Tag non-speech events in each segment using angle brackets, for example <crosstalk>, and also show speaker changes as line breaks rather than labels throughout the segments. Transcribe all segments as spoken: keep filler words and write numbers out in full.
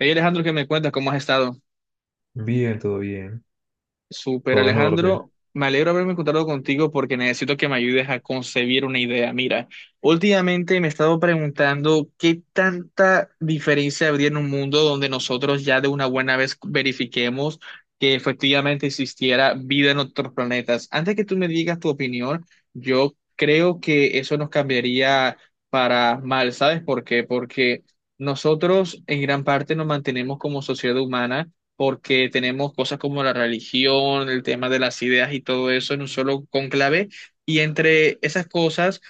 Hey Alejandro, ¿qué me cuentas? ¿Cómo has estado?
Bien, todo bien,
Súper
todo en orden.
Alejandro, me alegro haberme encontrado contigo porque necesito que me ayudes a concebir una idea. Mira, últimamente me he estado preguntando qué tanta diferencia habría en un mundo donde nosotros ya de una buena vez verifiquemos que efectivamente existiera vida en otros planetas. Antes que tú me digas tu opinión, yo creo que eso nos cambiaría para mal, ¿sabes por qué? Porque nosotros en gran parte nos mantenemos como sociedad humana porque tenemos cosas como la religión, el tema de las ideas y todo eso en un solo conclave. Y entre esas cosas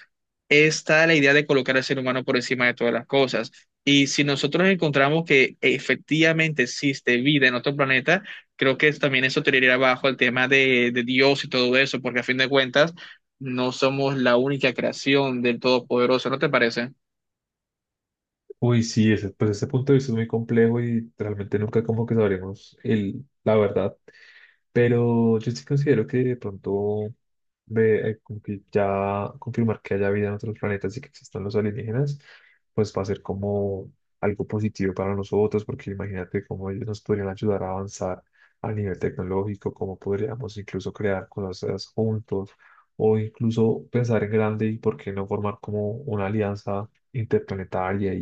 está la idea de colocar al ser humano por encima de todas las cosas. Y si nosotros encontramos que efectivamente existe vida en otro planeta, creo que también eso tiraría abajo el tema de, de Dios y todo eso, porque a fin de cuentas no somos la única creación del Todopoderoso, ¿no te parece?
Uy, sí, ese, pues ese punto de vista es muy complejo y realmente nunca como que sabremos el, la verdad. Pero yo sí considero que de pronto ve, eh, como que ya confirmar que haya vida en otros planetas y que existan los alienígenas, pues va a ser como algo positivo para nosotros, porque imagínate cómo ellos nos podrían ayudar a avanzar a nivel tecnológico, cómo podríamos incluso crear cosas juntos o incluso pensar en grande y por qué no formar como una alianza interplanetaria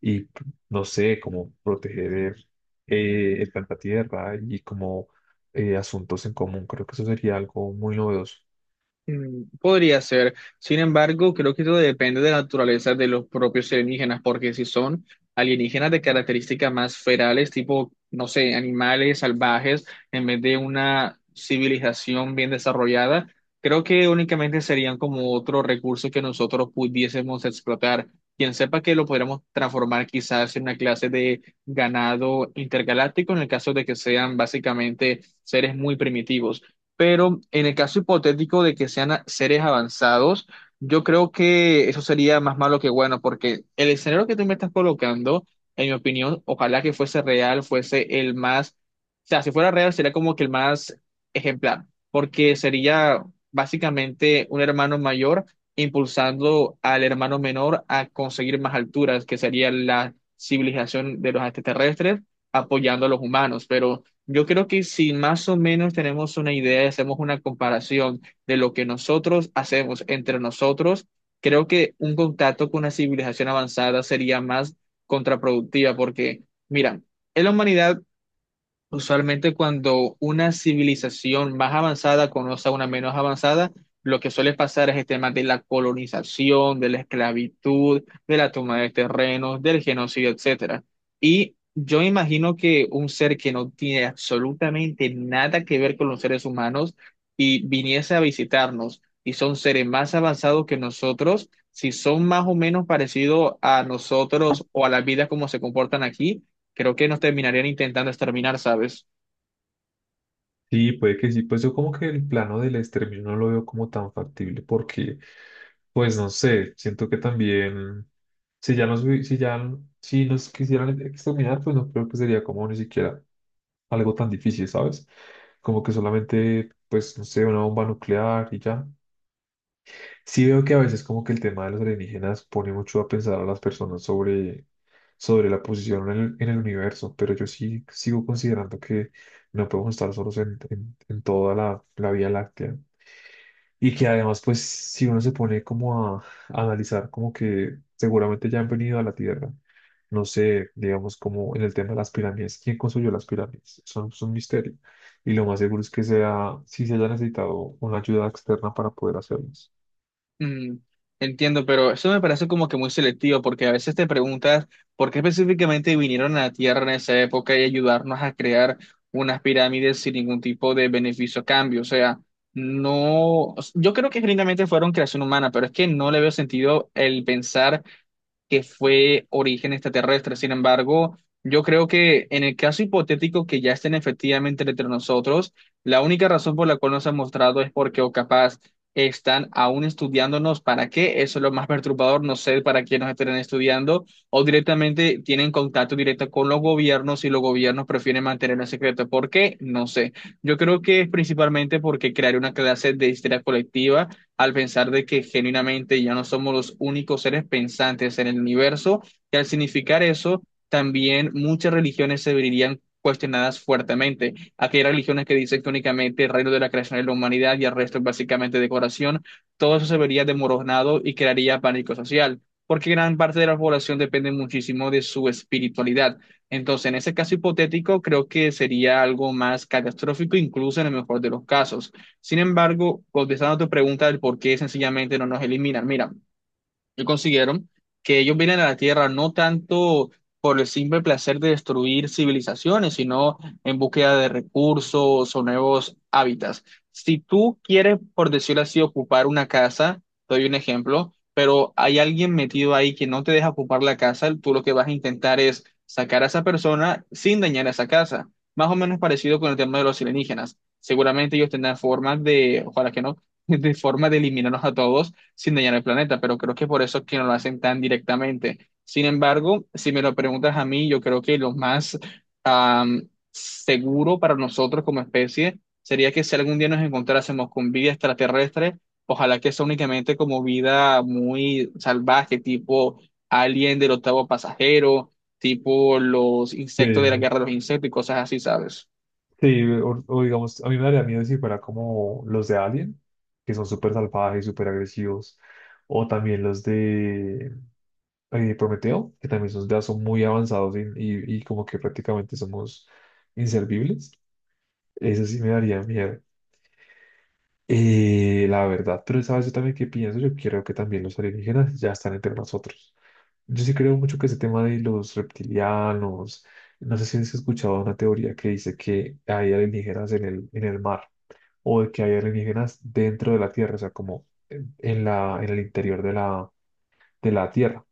y no sé, como proteger eh, el planeta Tierra y como eh, asuntos en común. Creo que eso sería algo muy novedoso.
Mm, podría ser. Sin embargo, creo que todo depende de la naturaleza de los propios alienígenas, porque si son alienígenas de características más ferales, tipo, no sé, animales salvajes, en vez de una civilización bien desarrollada, creo que únicamente serían como otro recurso que nosotros pudiésemos explotar. Quien sepa que lo podríamos transformar quizás en una clase de ganado intergaláctico, en el caso de que sean básicamente seres muy primitivos, pero en el caso hipotético de que sean a- seres avanzados, yo creo que eso sería más malo que bueno, porque el escenario que tú me estás colocando, en mi opinión, ojalá que fuese real, fuese el más, o sea, si fuera real sería como que el más ejemplar, porque sería básicamente un hermano mayor impulsando al hermano menor a conseguir más alturas, que sería la civilización de los extraterrestres apoyando a los humanos, pero yo creo que si más o menos tenemos una idea y hacemos una comparación de lo que nosotros hacemos entre nosotros, creo que un contacto con una civilización avanzada sería más contraproductiva porque, mira, en la humanidad usualmente cuando una civilización más avanzada conoce a una menos avanzada, lo que suele pasar es el tema de la colonización, de la esclavitud, de la toma de terrenos, del genocidio, etcétera. Y yo imagino que un ser que no tiene absolutamente nada que ver con los seres humanos y viniese a visitarnos y son seres más avanzados que nosotros, si son más o menos parecidos a nosotros o a la vida como se comportan aquí, creo que nos terminarían intentando exterminar, ¿sabes?
Sí, puede que sí, pues yo como que el plano del exterminio no lo veo como tan factible porque, pues no sé, siento que también si ya nos, hubi- si ya, si nos quisieran exterminar, pues no creo que sería como ni siquiera algo tan difícil, ¿sabes? Como que solamente, pues, no sé, una bomba nuclear y ya. Sí veo que a veces como que el tema de los alienígenas pone mucho a pensar a las personas sobre, sobre la posición en el, en el universo, pero yo sí sigo considerando que no podemos estar solos en, en- en toda la, la Vía Láctea. Y que además, pues, si uno se pone como a, a analizar como que seguramente ya han venido a la Tierra, no sé, digamos como en el tema de las pirámides, ¿quién construyó las pirámides? Son es un misterio. Y lo más seguro es que sea, si se haya necesitado una ayuda externa para poder hacerlas.
Mm, entiendo, pero eso me parece como que muy selectivo, porque a veces te preguntas por qué específicamente vinieron a la Tierra en esa época y ayudarnos a crear unas pirámides sin ningún tipo de beneficio a cambio. O sea, no, yo creo que genuinamente fueron creación humana, pero es que no le veo sentido el pensar que fue origen extraterrestre. Sin embargo, yo creo que en el caso hipotético que ya estén efectivamente entre nosotros, la única razón por la cual nos han mostrado es porque o capaz están aún estudiándonos. ¿Para qué? Eso es lo más perturbador. No sé para qué nos estén estudiando o directamente tienen contacto directo con los gobiernos y los gobiernos prefieren mantenerlo en secreto. ¿Por qué? No sé. Yo creo que es principalmente porque crear una clase de histeria colectiva al pensar de que genuinamente ya no somos los únicos seres pensantes en el universo, que al significar eso, también muchas religiones se verían cuestionadas fuertemente. Aquí hay religiones que dicen que únicamente el reino de la creación es la humanidad y el resto es básicamente decoración. Todo eso se vería demoronado y crearía pánico social, porque gran parte de la población depende muchísimo de su espiritualidad. Entonces, en ese caso hipotético, creo que sería algo más catastrófico, incluso en el mejor de los casos. Sin embargo, contestando a tu pregunta del por qué sencillamente no nos eliminan, mira, y consiguieron que ellos vienen a la Tierra no tanto por el simple placer de destruir civilizaciones, sino en búsqueda de recursos o nuevos hábitats. Si tú quieres, por decirlo así, ocupar una casa, te doy un ejemplo, pero hay alguien metido ahí que no te deja ocupar la casa, tú lo que vas a intentar es sacar a esa persona sin dañar esa casa. Más o menos parecido con el tema de los alienígenas. Seguramente ellos tendrán formas de, ojalá que no, <laughs> de forma de eliminarnos a todos sin dañar el planeta, pero creo que por eso es que no lo hacen tan directamente. Sin embargo, si me lo preguntas a mí, yo creo que lo más am, seguro para nosotros como especie sería que si algún día nos encontrásemos con vida extraterrestre, ojalá que sea únicamente como vida muy salvaje, tipo alien del octavo pasajero, tipo los insectos de la
Sí.
guerra de los insectos y cosas así, ¿sabes?
Sí, o, o digamos, a mí me daría miedo si fuera como los de Alien, que son súper salvajes, súper agresivos, o también los de eh, Prometeo, que también son, ya son muy avanzados y, y- y como que prácticamente somos inservibles. Eso sí me daría miedo, eh, la verdad. Pero sabes, yo también que pienso, yo creo que también los alienígenas ya están entre nosotros. Yo sí creo mucho que ese tema de los reptilianos, no sé si has escuchado una teoría que dice que hay alienígenas en el, en el mar o de que hay alienígenas dentro de la Tierra, o sea, como en en la, en el interior de la, de la Tierra.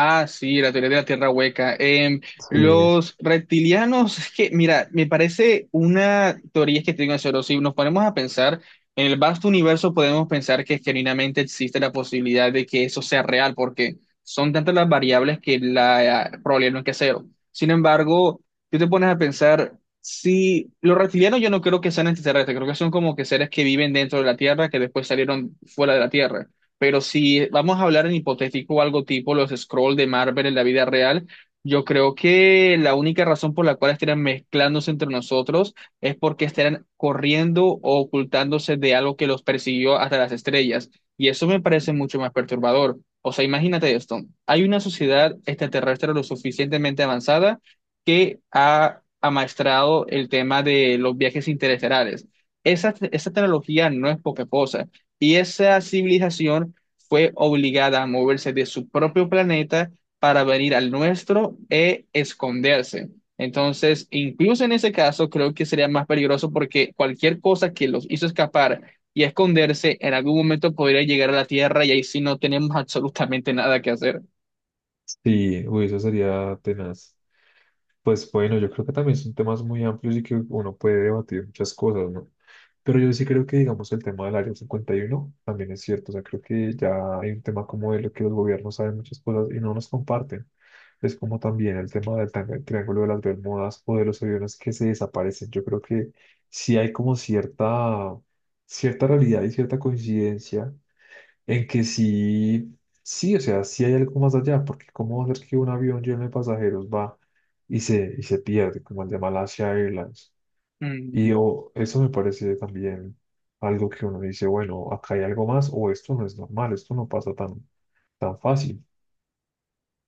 Ah, sí, la teoría de la Tierra hueca. Em,
Sí.
los reptilianos, es que, mira, me parece una teoría que tengo cero. Si nos ponemos a pensar en el vasto universo, podemos pensar que genuinamente existe la posibilidad de que eso sea real, porque son tantas las variables que la eh, probabilidad no es que es cero. Sin embargo, tú te pones a pensar, si los reptilianos yo no creo que sean extraterrestres, creo que son como que seres que viven dentro de la Tierra, que después salieron fuera de la Tierra. Pero si vamos a hablar en hipotético o algo tipo los scroll de Marvel en la vida real, yo creo que la única razón por la cual estarían mezclándose entre nosotros es porque estarían corriendo o ocultándose de algo que los persiguió hasta las estrellas. Y eso me parece mucho más perturbador. O sea, imagínate esto. Hay una sociedad extraterrestre lo suficientemente avanzada que ha amaestrado el tema de los viajes interestelares. Esa, esa tecnología no es poca cosa y esa civilización fue obligada a moverse de su propio planeta para venir al nuestro e esconderse. Entonces, incluso en ese caso, creo que sería más peligroso porque cualquier cosa que los hizo escapar y esconderse en algún momento podría llegar a la Tierra y ahí sí no tenemos <laughs> absolutamente nada que hacer.
Sí, uy, eso sería tenaz. Pues bueno, yo creo que también son temas muy amplios y que uno puede debatir muchas cosas, ¿no? Pero yo sí creo que, digamos, el tema del Área cincuenta y uno también es cierto. O sea, creo que ya hay un tema como de lo que los gobiernos saben muchas cosas y no nos comparten. Es como también el tema del tang- Triángulo de las Bermudas o de los aviones que se desaparecen. Yo creo que sí hay como cierta, cierta realidad y cierta coincidencia en que sí, sí, o sea, sí hay algo más allá, porque ¿cómo va a ser que un avión lleno de pasajeros va y se, y se pierde, como el de Malaysia Airlines? Y
Mm,
o eso me parece también algo que uno dice, bueno, acá hay algo más, o esto no es normal, esto no pasa tan, tan fácil.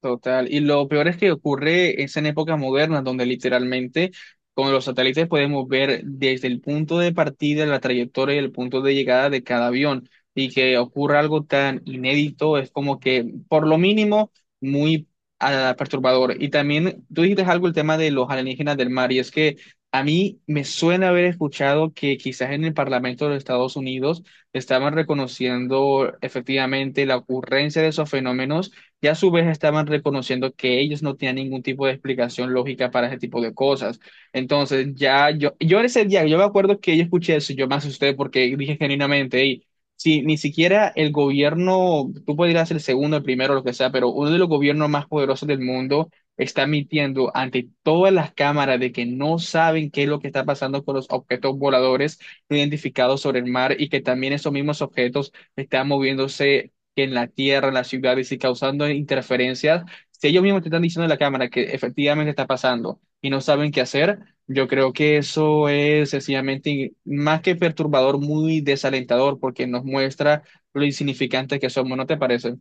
total. Y lo peor es que ocurre es en épocas modernas, donde literalmente con los satélites podemos ver desde el punto de partida, la trayectoria y el punto de llegada de cada avión. Y que ocurra algo tan inédito es como que, por lo mínimo, muy ah, perturbador. Y también tú dijiste algo el tema de los alienígenas del mar, y es que a mí me suena haber escuchado que quizás en el Parlamento de los Estados Unidos estaban reconociendo efectivamente la ocurrencia de esos fenómenos y a su vez estaban reconociendo que ellos no tenían ningún tipo de explicación lógica para ese tipo de cosas. Entonces, ya yo, yo ese día, yo me acuerdo que yo escuché eso, y yo me asusté porque dije genuinamente, "Ey, si ni siquiera el gobierno, tú podrías el segundo, el primero, lo que sea, pero uno de los gobiernos más poderosos del mundo está mintiendo ante todas las cámaras de que no saben qué es lo que está pasando con los objetos voladores identificados sobre el mar y que también esos mismos objetos están moviéndose que en la tierra, en las ciudades y si causando interferencias, si ellos mismos te están diciendo en la cámara que efectivamente está pasando y no saben qué hacer, yo creo que eso es sencillamente más que perturbador, muy desalentador porque nos muestra lo insignificantes que somos, ¿no te parece?"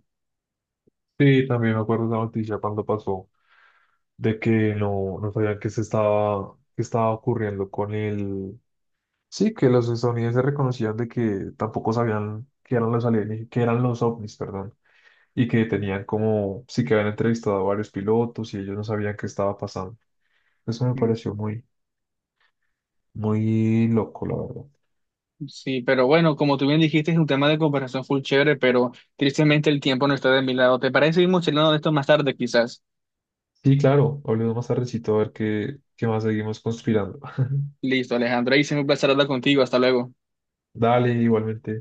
Sí, también me acuerdo de la noticia cuando pasó, de que no, no sabían qué se estaba, qué estaba ocurriendo con el... Sí, que los estadounidenses reconocían de que tampoco sabían qué eran los alienígenas, qué eran los ovnis, perdón y que tenían como, sí que habían entrevistado a varios pilotos y ellos no sabían qué estaba pasando. Eso me
Mm,
pareció muy, muy loco, la verdad.
sí, pero bueno, como tú bien dijiste, es un tema de conversación full chévere, pero tristemente el tiempo no está de mi lado. ¿Te parece seguimos charlando de esto más tarde, quizás?
Sí, claro, hablemos más tardecito a ver qué, qué más seguimos conspirando.
Listo, Alejandro, ahí se me un placer hablar contigo. Hasta luego.
<laughs> Dale, igualmente.